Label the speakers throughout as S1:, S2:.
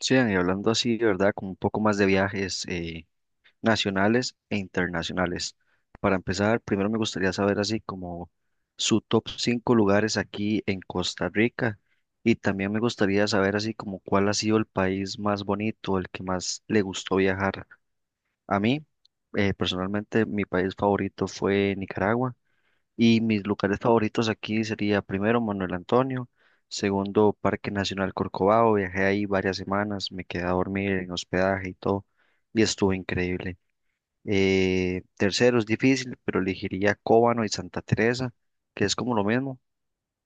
S1: Sí, y hablando así, de ¿verdad? Con un poco más de viajes nacionales e internacionales. Para empezar, primero me gustaría saber así como su top 5 lugares aquí en Costa Rica y también me gustaría saber así como cuál ha sido el país más bonito, el que más le gustó viajar. A mí, personalmente, mi país favorito fue Nicaragua y mis lugares favoritos aquí sería primero Manuel Antonio, segundo Parque Nacional Corcovado, viajé ahí varias semanas, me quedé a dormir en hospedaje y todo, y estuvo increíble. Tercero es difícil, pero elegiría Cóbano y Santa Teresa, que es como lo mismo.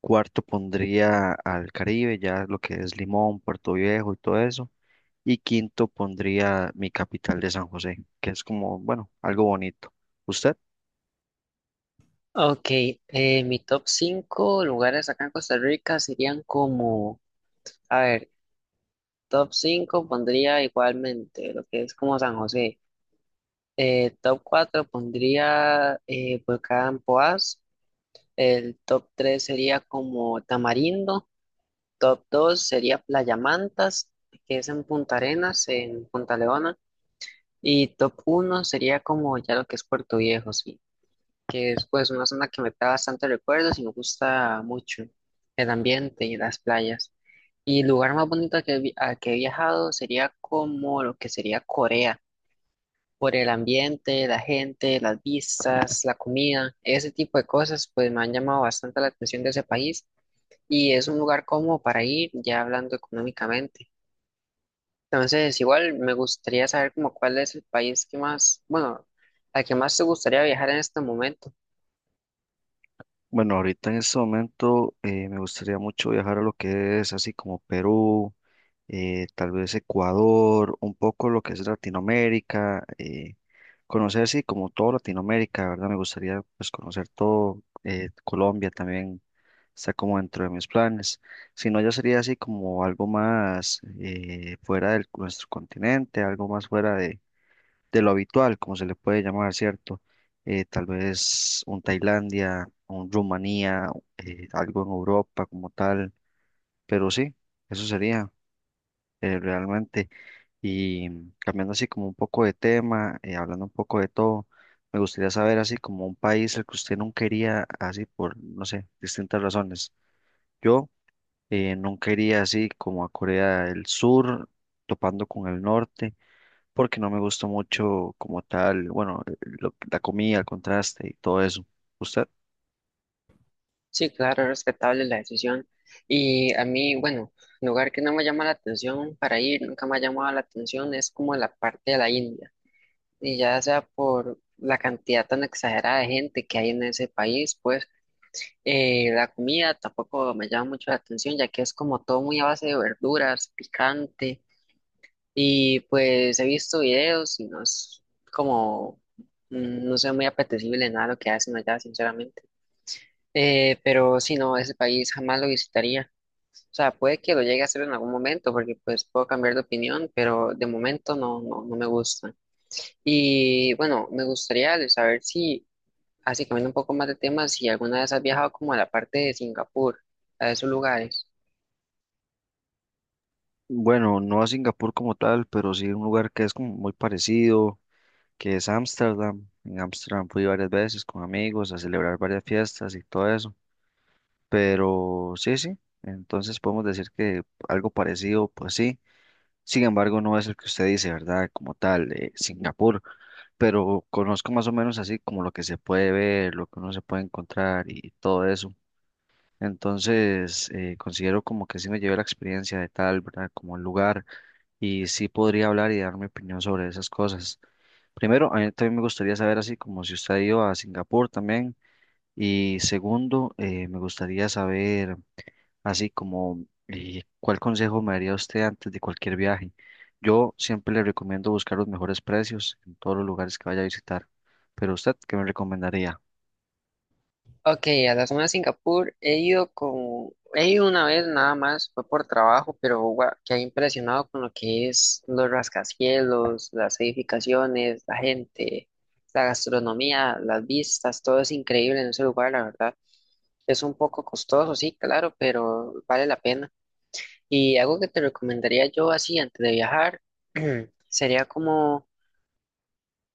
S1: Cuarto pondría al Caribe, ya lo que es Limón, Puerto Viejo y todo eso. Y quinto pondría mi capital de San José, que es como, bueno, algo bonito. ¿Usted?
S2: Ok, mi top 5 lugares acá en Costa Rica serían como, a ver, top 5 pondría igualmente lo que es como San José. Top 4 pondría Volcán Poás, el top 3 sería como Tamarindo, top 2 sería Playa Mantas, que es en Punta Arenas, en Punta Leona, y top uno sería como ya lo que es Puerto Viejo, sí. Que es pues una zona que me trae bastantes recuerdos y me gusta mucho el ambiente y las playas. Y el lugar más bonito al que he viajado sería como lo que sería Corea, por el ambiente, la gente, las vistas, la comida, ese tipo de cosas pues me han llamado bastante la atención de ese país y es un lugar como para ir ya hablando económicamente. Entonces, igual me gustaría saber como cuál es el país que más, bueno, al que más te gustaría viajar en este momento.
S1: Bueno, ahorita en este momento me gustaría mucho viajar a lo que es así como Perú, tal vez Ecuador, un poco lo que es Latinoamérica, conocer así como todo Latinoamérica, ¿verdad? Me gustaría pues conocer todo, Colombia también está como dentro de mis planes. Si no, ya sería así como algo más fuera de nuestro continente, algo más fuera de lo habitual, como se le puede llamar, ¿cierto? Tal vez un Tailandia, un Rumanía, algo en Europa como tal, pero sí, eso sería realmente. Y cambiando así como un poco de tema, hablando un poco de todo, me gustaría saber así como un país al que usted no quería, así por, no sé, distintas razones. Yo no quería así como a Corea del Sur, topando con el norte porque no me gustó mucho como tal, bueno, la comida, el contraste y todo eso. ¿Usted?
S2: Sí, claro, respetable la decisión. Y a mí, bueno, lugar que no me llama la atención para ir, nunca me ha llamado la atención, es como la parte de la India. Y ya sea por la cantidad tan exagerada de gente que hay en ese país, pues la comida tampoco me llama mucho la atención, ya que es como todo muy a base de verduras, picante. Y pues he visto videos y no es como, mm, no sé, muy apetecible nada lo que hacen allá, sinceramente. Pero si no, ese país jamás lo visitaría. O sea, puede que lo llegue a hacer en algún momento, porque pues puedo cambiar de opinión, pero de momento no, no, no me gusta. Y bueno, me gustaría de saber si, así cambiando un poco más de temas, si alguna vez has viajado como a la parte de Singapur, a esos lugares.
S1: Bueno, no a Singapur como tal, pero sí un lugar que es como muy parecido, que es Ámsterdam. En Ámsterdam fui varias veces con amigos a celebrar varias fiestas y todo eso. Pero sí, sí, entonces podemos decir que algo parecido, pues sí. Sin embargo, no es el que usted dice, ¿verdad? Como tal, Singapur, pero conozco más o menos así como lo que se puede ver, lo que uno se puede encontrar y todo eso. Entonces, considero como que sí me llevé la experiencia de tal, ¿verdad? Como el lugar y sí podría hablar y dar mi opinión sobre esas cosas. Primero, a mí también me gustaría saber así como si usted ha ido a Singapur también. Y segundo, me gustaría saber así como cuál consejo me daría usted antes de cualquier viaje. Yo siempre le recomiendo buscar los mejores precios en todos los lugares que vaya a visitar. Pero usted, ¿qué me recomendaría?
S2: Ok, a la zona de Singapur he ido una vez nada más, fue por trabajo, pero gua- quedé impresionado con lo que es los rascacielos, las edificaciones, la gente, la gastronomía, las vistas, todo es increíble en ese lugar, la verdad. Es un poco costoso, sí, claro, pero vale la pena. Y algo que te recomendaría yo así antes de viajar sería como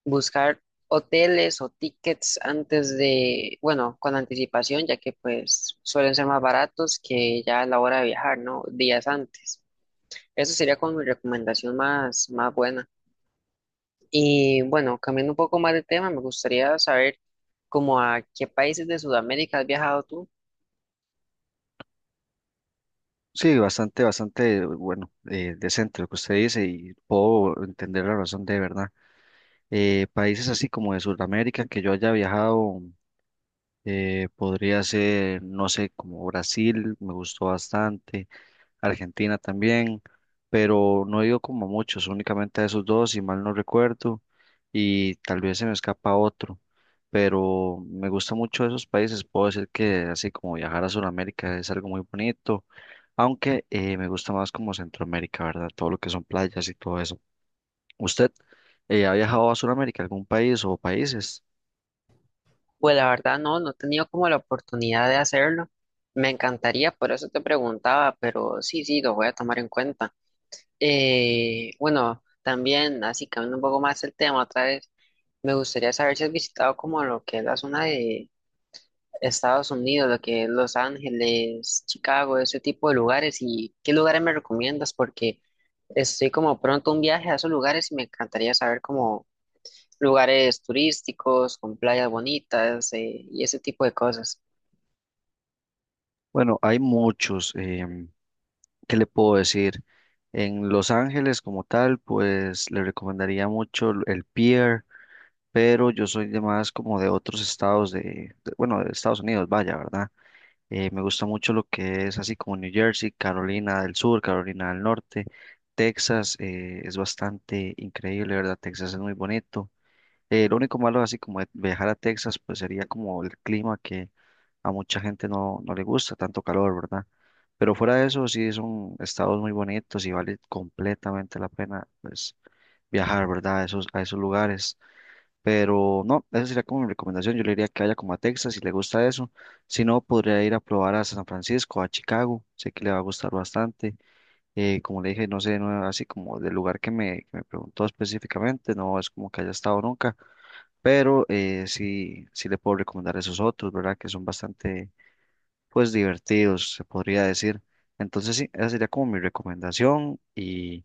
S2: buscar hoteles o tickets antes de, bueno, con anticipación, ya que pues suelen ser más baratos que ya a la hora de viajar, ¿no? Días antes. Eso sería como mi recomendación más, más buena. Y bueno, cambiando un poco más de tema, me gustaría saber como a qué países de Sudamérica has viajado tú.
S1: Sí, bastante, bastante, bueno, decente lo que usted dice y puedo entender la razón de verdad. Países así como de Sudamérica que yo haya viajado, podría ser, no sé, como Brasil, me gustó bastante, Argentina también, pero no he ido como a muchos, únicamente a esos dos, si mal no recuerdo, y tal vez se me escapa otro, pero me gusta mucho esos países, puedo decir que así como viajar a Sudamérica es algo muy bonito aunque me gusta más como Centroamérica, ¿verdad? Todo lo que son playas y todo eso. ¿Usted ha viajado a Sudamérica, algún país o países?
S2: Pues la verdad no, no he tenido como la oportunidad de hacerlo. Me encantaría, por eso te preguntaba, pero sí, sí, lo voy a tomar en cuenta. Bueno, también, así cambiando un poco más el tema otra vez, me gustaría saber si has visitado como lo que es la zona de Estados Unidos, lo que es Los Ángeles, Chicago, ese tipo de lugares y qué lugares me recomiendas porque estoy como pronto a un viaje a esos lugares y me encantaría saber como lugares turísticos, con playas bonitas, y ese tipo de cosas.
S1: Bueno, hay muchos. ¿Qué le puedo decir? En Los Ángeles como tal, pues le recomendaría mucho el Pier, pero yo soy de más como de otros estados de, bueno, de Estados Unidos, vaya, ¿verdad? Me gusta mucho lo que es así como New Jersey, Carolina del Sur, Carolina del Norte, Texas, es bastante increíble, ¿verdad? Texas es muy bonito. Lo único malo así como de viajar a Texas, pues sería como el clima que a mucha gente no, no le gusta, tanto calor, ¿verdad? Pero fuera de eso, sí son estados muy bonitos y vale completamente la pena, pues, viajar, ¿verdad? A esos lugares. Pero no, esa sería como mi recomendación. Yo le diría que vaya como a Texas si le gusta eso. Si no, podría ir a probar a San Francisco, a Chicago. Sé que le va a gustar bastante. Como le dije, no sé, no, así como del lugar que me preguntó específicamente, no es como que haya estado nunca, pero sí, sí le puedo recomendar esos otros, ¿verdad? Que son bastante, pues, divertidos, se podría decir. Entonces, sí, esa sería como mi recomendación. Y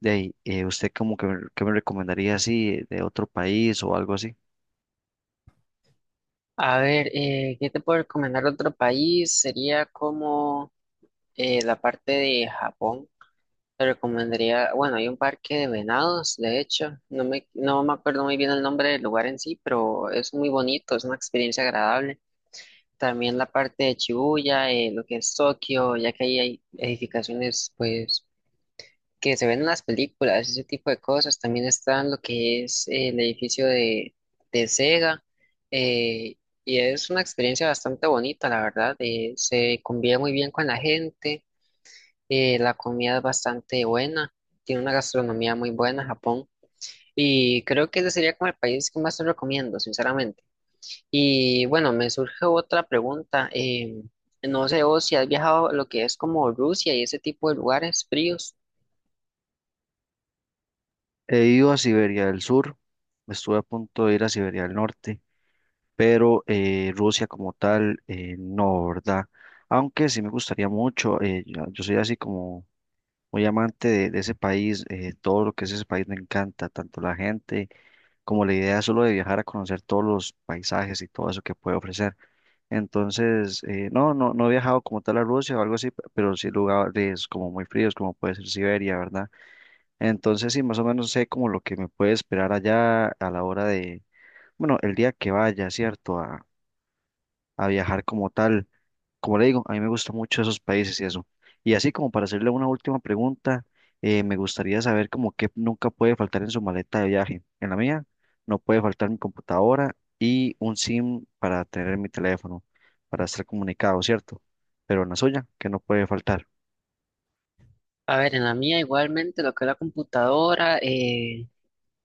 S1: de ahí, ¿usted como que, que me recomendaría así de otro país o algo así?
S2: A ver, ¿qué te puedo recomendar de otro país? Sería como la parte de Japón. Te recomendaría, bueno, hay un parque de venados, de hecho, no me acuerdo muy bien el nombre del lugar en sí, pero es muy bonito, es una experiencia agradable. También la parte de Shibuya, lo que es Tokio, ya que ahí hay edificaciones, pues, que se ven en las películas, ese tipo de cosas. También está lo que es el edificio de Sega, eh, y es una experiencia bastante bonita, la verdad, se convive muy bien con la gente. La comida es bastante buena, tiene una gastronomía muy buena, Japón, y creo que ese sería como el país que más te recomiendo, sinceramente. Y bueno, me surge otra pregunta. No sé vos si has viajado a lo que es como Rusia y ese tipo de lugares fríos.
S1: He ido a Siberia del Sur, estuve a punto de ir a Siberia del Norte, pero Rusia como tal, no, ¿verdad? Aunque sí me gustaría mucho, yo soy así como muy amante de ese país, todo lo que es ese país me encanta, tanto la gente como la idea solo de viajar a conocer todos los paisajes y todo eso que puede ofrecer. Entonces, no, no, no he viajado como tal a Rusia o algo así, pero sí lugares como muy fríos, como puede ser Siberia, ¿verdad? Entonces, sí, más o menos sé como lo que me puede esperar allá a la hora de, bueno, el día que vaya, ¿cierto? A viajar como tal. Como le digo, a mí me gustan mucho esos países y eso. Y así como para hacerle una última pregunta, me gustaría saber como qué nunca puede faltar en su maleta de viaje. En la mía no puede faltar mi computadora y un SIM para tener mi teléfono, para estar comunicado, ¿cierto? Pero en la suya, que no puede faltar.
S2: A ver, en la mía igualmente lo que es la computadora,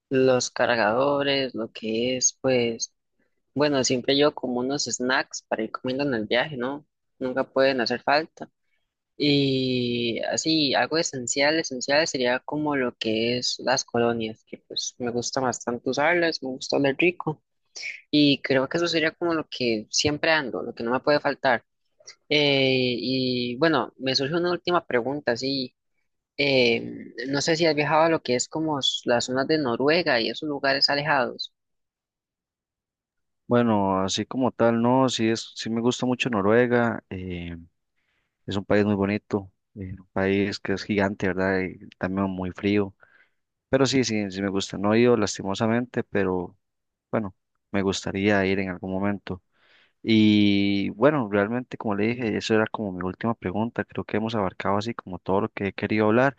S2: los cargadores, lo que es, pues, bueno, siempre yo como unos snacks para ir comiendo en el viaje, ¿no? Nunca pueden hacer falta. Y así, algo esencial, esencial sería como lo que es las colonias, que pues me gusta bastante usarlas, me gusta oler rico. Y creo que eso sería como lo que siempre ando, lo que no me puede faltar. Y bueno, me surge una última pregunta, así, no sé si has viajado a lo que es como s- las zonas de Noruega y esos lugares alejados.
S1: Bueno, así como tal, no, sí es, sí me gusta mucho Noruega. Es un país muy bonito, un país que es gigante, ¿verdad? Y también muy frío. Pero sí, sí, sí me gusta. No he ido lastimosamente, pero bueno, me gustaría ir en algún momento. Y bueno, realmente como le dije, eso era como mi última pregunta. Creo que hemos abarcado así como todo lo que he querido hablar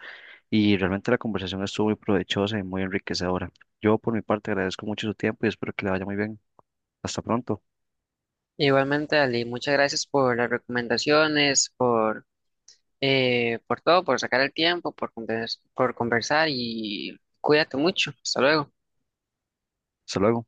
S1: y realmente la conversación estuvo muy provechosa y muy enriquecedora. Yo por mi parte agradezco mucho su tiempo y espero que le vaya muy bien. Hasta pronto.
S2: Igualmente, Ali, muchas gracias por las recomendaciones, por todo, por sacar el tiempo, por conversar y cuídate mucho. Hasta luego.
S1: Hasta luego.